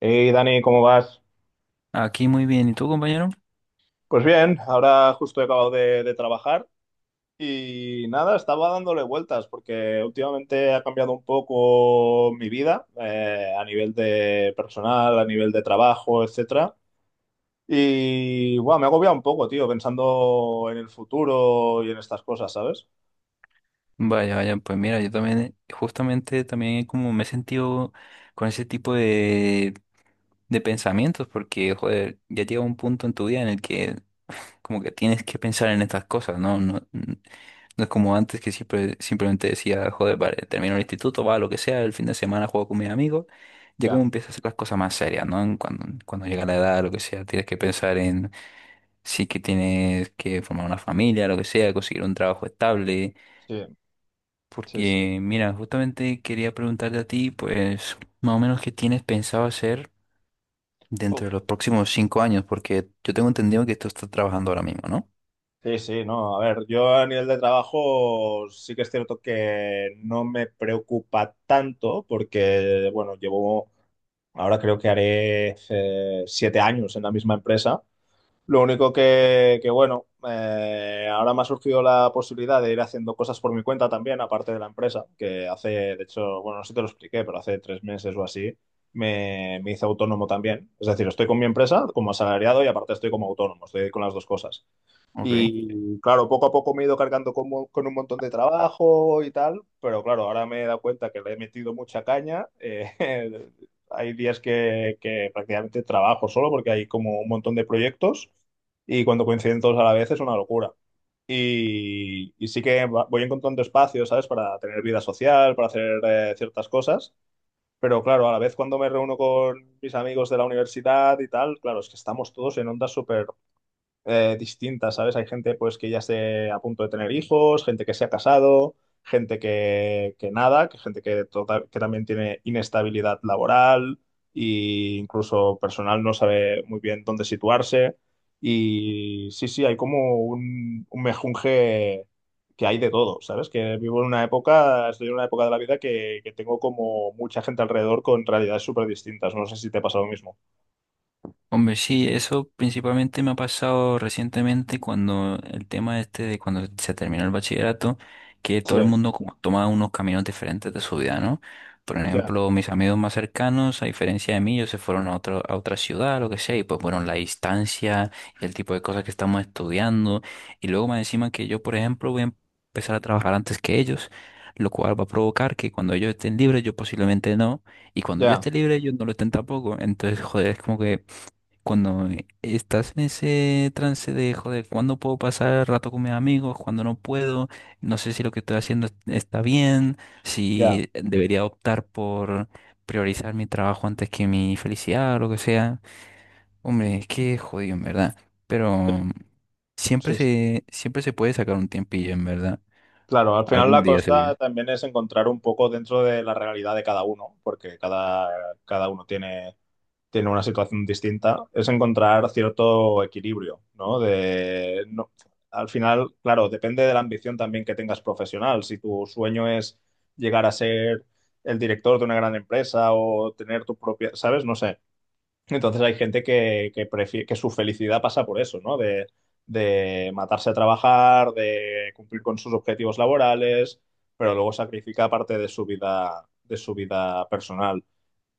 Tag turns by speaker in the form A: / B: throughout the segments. A: Hey Dani, ¿cómo vas?
B: Aquí muy bien. ¿Y tú, compañero?
A: Pues bien, ahora justo he acabado de trabajar y nada, estaba dándole vueltas porque últimamente ha cambiado un poco mi vida, a nivel de personal, a nivel de trabajo, etcétera. Y bueno, me ha agobiado un poco, tío, pensando en el futuro y en estas cosas, ¿sabes?
B: Vaya, vaya, pues mira, yo también, justamente también como me he sentido con ese tipo de pensamientos, porque, joder, ya llega un punto en tu vida en el que como que tienes que pensar en estas cosas, ¿no? No es como antes que siempre, simplemente decía, joder, vale, termino el instituto, va, lo que sea, el fin de semana juego con mis amigos, ya como
A: Ya,
B: empiezas a hacer las cosas más serias, ¿no? Cuando llega la edad, lo que sea, tienes que pensar en sí que tienes que formar una familia, lo que sea, conseguir un trabajo estable.
A: sí, sí, sí.
B: Porque, mira, justamente quería preguntarte a ti, pues, más o menos qué tienes pensado hacer dentro
A: Uf.
B: de los próximos 5 años, porque yo tengo entendido que tú estás trabajando ahora mismo, ¿no?
A: Sí, sí, no, a ver, yo a nivel de trabajo sí que es cierto que no me preocupa tanto porque, bueno, llevo. Ahora creo que haré, siete años en la misma empresa. Lo único que bueno, ahora me ha surgido la posibilidad de ir haciendo cosas por mi cuenta también, aparte de la empresa, que hace, de hecho, bueno, no sé si te lo expliqué, pero hace tres meses o así me hice autónomo también. Es decir, estoy con mi empresa como asalariado y aparte estoy como autónomo, estoy con las dos cosas.
B: Ok.
A: Y claro, poco a poco me he ido cargando con un montón de trabajo y tal, pero claro, ahora me he dado cuenta que le he metido mucha caña. Hay días que prácticamente trabajo solo porque hay como un montón de proyectos y cuando coinciden todos a la vez es una locura. Y sí que voy encontrando espacios, ¿sabes? Para tener vida social, para hacer, ciertas cosas, pero claro, a la vez cuando me reúno con mis amigos de la universidad y tal, claro, es que estamos todos en ondas súper, distintas, ¿sabes? Hay gente pues que ya esté a punto de tener hijos, gente que se ha casado, gente que nada, que gente que también tiene inestabilidad laboral e incluso personal no sabe muy bien dónde situarse. Y sí, sí, hay como un mejunje que hay de todo, ¿sabes? Que vivo en una época, estoy en una época de la vida que tengo como mucha gente alrededor con realidades súper distintas. No sé si te pasa lo mismo.
B: Hombre, sí, eso principalmente me ha pasado recientemente cuando el tema este de cuando se terminó el bachillerato, que
A: Sí,
B: todo el mundo como toma unos caminos diferentes de su vida, ¿no? Por
A: ya,
B: ejemplo, mis amigos más cercanos, a diferencia de mí, ellos se fueron a otra ciudad, lo que sea, y pues bueno, la distancia y el tipo de cosas que estamos estudiando, y luego más encima que yo, por ejemplo, voy a empezar a trabajar antes que ellos, lo cual va a provocar que cuando ellos estén libres, yo posiblemente no, y cuando yo
A: ya,
B: esté libre, ellos no lo estén tampoco, entonces, joder, es como que cuando estás en ese trance de, joder, ¿cuándo puedo pasar rato con mis amigos? ¿Cuándo no puedo? No sé si lo que estoy haciendo es- está bien,
A: ya.
B: si debería optar por priorizar mi trabajo antes que mi felicidad o lo que sea. Hombre, es que jodido, en verdad. Pero
A: Sí, sí.
B: siempre se puede sacar un tiempillo, en verdad.
A: Claro, al final
B: Algún
A: la
B: día seguro.
A: costa también es encontrar un poco dentro de la realidad de cada uno, porque cada uno tiene una situación distinta, es encontrar cierto equilibrio, ¿no? De, no, al final, claro, depende de la ambición también que tengas profesional. Si tu sueño es llegar a ser el director de una gran empresa o tener tu propia, ¿sabes? No sé. Entonces hay gente que su felicidad pasa por eso, ¿no? De matarse a trabajar, de cumplir con sus objetivos laborales, pero luego sacrifica parte de su vida personal.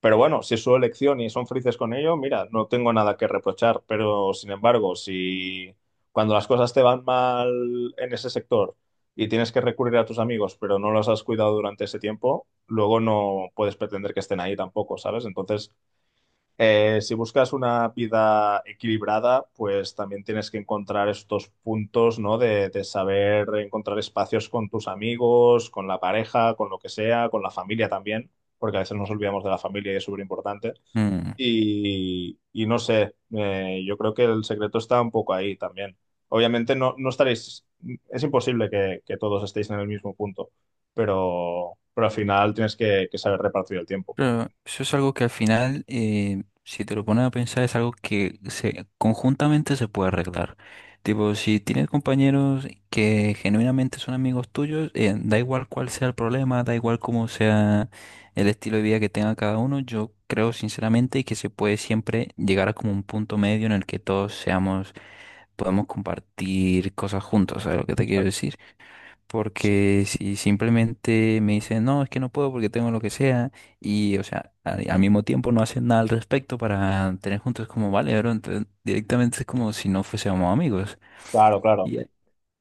A: Pero bueno, si es su elección y son felices con ello, mira, no tengo nada que reprochar. Pero sin embargo, si cuando las cosas te van mal en ese sector y tienes que recurrir a tus amigos, pero no los has cuidado durante ese tiempo, luego no puedes pretender que estén ahí tampoco, ¿sabes? Entonces, si buscas una vida equilibrada, pues también tienes que encontrar estos puntos, ¿no? De saber encontrar espacios con tus amigos, con la pareja, con lo que sea, con la familia también, porque a veces nos olvidamos de la familia y es súper importante.
B: Mm.
A: Y no sé, yo creo que el secreto está un poco ahí también. Obviamente no estaréis, es imposible que todos estéis en el mismo punto, pero al final tienes que saber repartir el tiempo.
B: Claro, eso es algo que al final, si te lo pones a pensar, es algo que conjuntamente se puede arreglar. Tipo, si tienes compañeros que genuinamente son amigos tuyos, da igual cuál sea el problema, da igual cómo sea el estilo de vida que tenga cada uno, yo creo sinceramente que se puede siempre llegar a como un punto medio en el que todos seamos, podemos compartir cosas juntos, ¿sabes lo que te quiero
A: Exacto.
B: decir?
A: Sí, sí.
B: Porque si simplemente me dicen, no, es que no puedo porque tengo lo que sea, y, o sea, al mismo tiempo no hacen nada al respecto para tener juntos, como, vale, bro, entonces directamente es como si no fuésemos amigos.
A: Claro, claro.
B: Y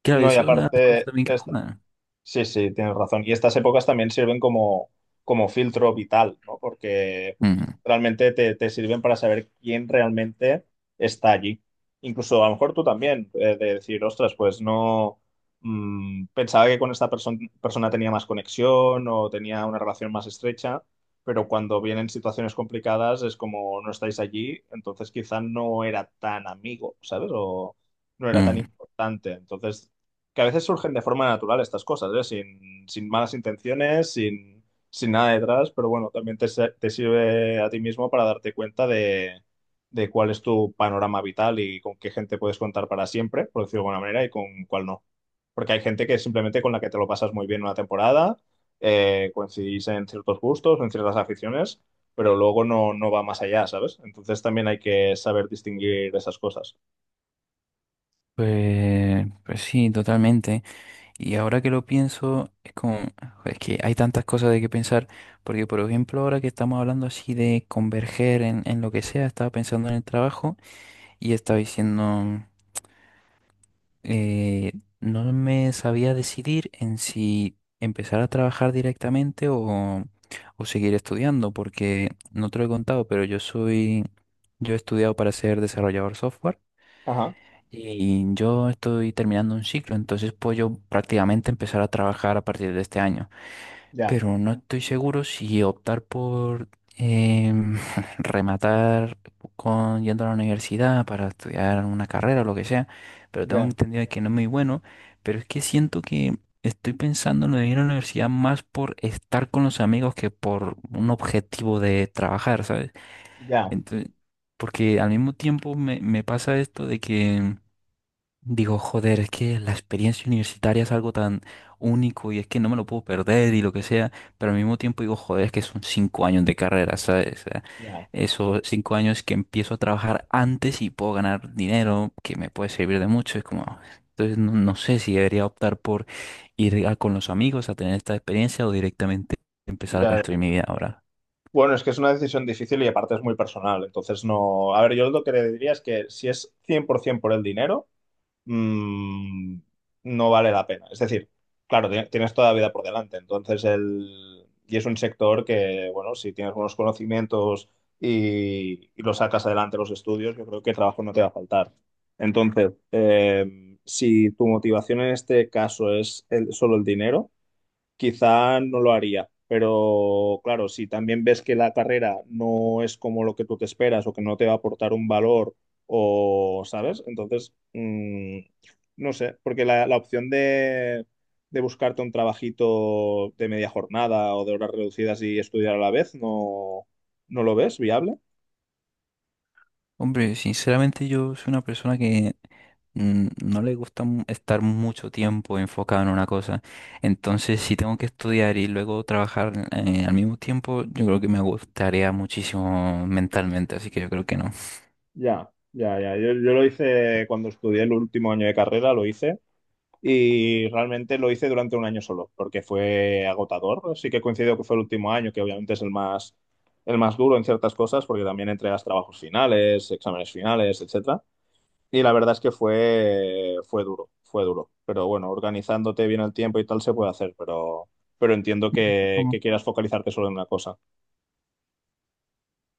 B: claro,
A: No, y
B: eso es una de las cosas
A: aparte,
B: también que juegan.
A: sí, sí, tienes razón. Y estas épocas también sirven como filtro vital, ¿no? Porque
B: Mm,
A: realmente te sirven para saber quién realmente está allí. Incluso a lo mejor tú también, de decir, ostras, pues no, pensaba que con esta persona tenía más conexión o tenía una relación más estrecha, pero cuando vienen situaciones complicadas es como no estáis allí, entonces quizá no era tan amigo, ¿sabes? O no era tan
B: mm.
A: importante. Entonces que a veces surgen de forma natural estas cosas, ¿eh? Sin malas intenciones, sin nada detrás, pero bueno, también te sirve a ti mismo para darte cuenta de cuál es tu panorama vital y con qué gente puedes contar para siempre, por decirlo de alguna manera, y con cuál no. Porque hay gente que simplemente con la que te lo pasas muy bien una temporada, coincidís en ciertos gustos, en ciertas aficiones, pero luego no va más allá, ¿sabes? Entonces también hay que saber distinguir esas cosas.
B: Pues, pues sí, totalmente. Y ahora que lo pienso, es como, es que hay tantas cosas de que pensar, porque, por ejemplo, ahora que estamos hablando así de converger en lo que sea, estaba pensando en el trabajo y estaba diciendo. eh, no me sabía decidir en si empezar a trabajar directamente o seguir estudiando, porque no te lo he contado, yo he estudiado para ser desarrollador software
A: Ajá,
B: y yo estoy terminando un ciclo, entonces puedo yo prácticamente empezar a trabajar a partir de este año,
A: ya,
B: pero no estoy seguro si optar por em, rematar con yendo a la universidad para estudiar una carrera o lo que sea, pero tengo
A: ya,
B: entendido que no es muy bueno, pero es que siento que estoy pensando en lo de ir a la universidad más por estar con los amigos que por un objetivo de trabajar, ¿sabes?
A: ya,
B: Entonces, porque al mismo tiempo me pasa esto de que digo, joder, es que la experiencia universitaria es algo tan único y es que no me lo puedo perder y lo que sea, pero al mismo tiempo digo, joder, es que son 5 años de carrera, ¿sabes? O sea,
A: ya.
B: esos 5 años que empiezo a trabajar antes y puedo ganar dinero que me puede servir de mucho, es como, entonces no, no sé si debería optar por con los amigos a tener esta experiencia o directamente empezar a
A: Ya,
B: construir mi vida ahora.
A: bueno, es que es una decisión difícil y aparte es muy personal. Entonces, no. A ver, yo lo que le diría es que si es 100% por ciento por el dinero, mm, no vale la pena. Es decir, claro, tienes toda la vida por delante. Entonces, y es un sector que, bueno, si tienes buenos conocimientos y lo sacas adelante los estudios, yo creo que trabajo no te va a faltar. Entonces, si tu motivación en este caso es solo el dinero, quizá no lo haría. Pero claro, si también ves que la carrera no es como lo que tú te esperas o que no te va a aportar un valor o, ¿sabes? Entonces, no sé, porque la opción de buscarte un trabajito de media jornada o de horas reducidas y estudiar a la vez, ¿no lo ves viable?
B: Hombre, sinceramente yo soy una persona que no le gusta estar mucho tiempo enfocado en una cosa. Entonces, si tengo que estudiar y luego trabajar al mismo tiempo, yo creo que me gustaría muchísimo mentalmente, así que yo creo que no.
A: Ya, ya, ya. Yo lo hice cuando estudié el último año de carrera, lo hice y realmente lo hice durante un año solo, porque fue agotador. Sí que coincido que fue el último año, que obviamente es el más duro en ciertas cosas, porque también entregas trabajos finales, exámenes finales, etcétera. Y la verdad es que fue, fue duro, fue duro. Pero bueno, organizándote bien el tiempo y tal se puede hacer, pero entiendo que,
B: Ujú.
A: que quieras focalizarte solo en una cosa.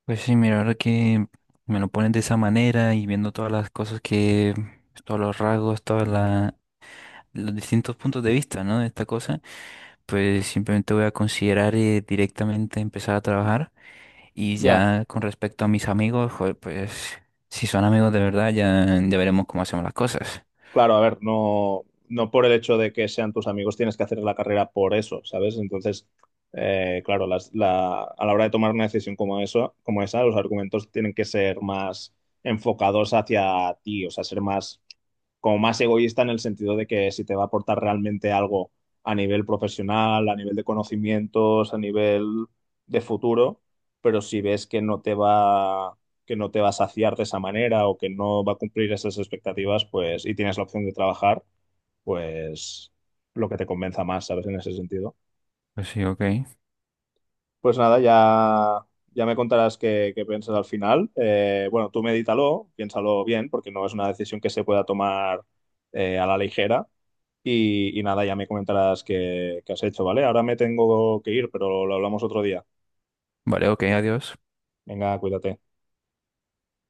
B: Pues sí, mira, ahora que me lo pones de esa manera y viendo todas las cosas pues, todos los rasgos, todos los distintos puntos de vista, ¿no? De esta cosa, pues simplemente voy a considerar directamente empezar a trabajar. Y
A: Ya.
B: ya con respecto a mis amigos, joder, pues si son amigos de verdad, ya, ya veremos cómo hacemos las cosas.
A: Claro, a ver, no por el hecho de que sean tus amigos tienes que hacer la carrera por eso, ¿sabes? Entonces, claro, a la hora de tomar una decisión como eso, como esa, los argumentos tienen que ser más enfocados hacia ti, o sea, ser más, como más egoísta en el sentido de que si te va a aportar realmente algo a nivel profesional, a nivel de conocimientos, a nivel de futuro, pero si ves que no te va que no te va a saciar de esa manera o que no va a cumplir esas expectativas, pues, y tienes la opción de trabajar, pues lo que te convenza más, ¿sabes? En ese sentido.
B: Pues sí, ok.
A: Pues nada, ya me contarás qué piensas al final. Bueno, tú medítalo, piénsalo bien, porque no es una decisión que se pueda tomar, a la ligera. Y nada, ya me comentarás qué has hecho, ¿vale? Ahora me tengo que ir, pero lo hablamos otro día.
B: Vale, ok, adiós.
A: Venga, cuídate.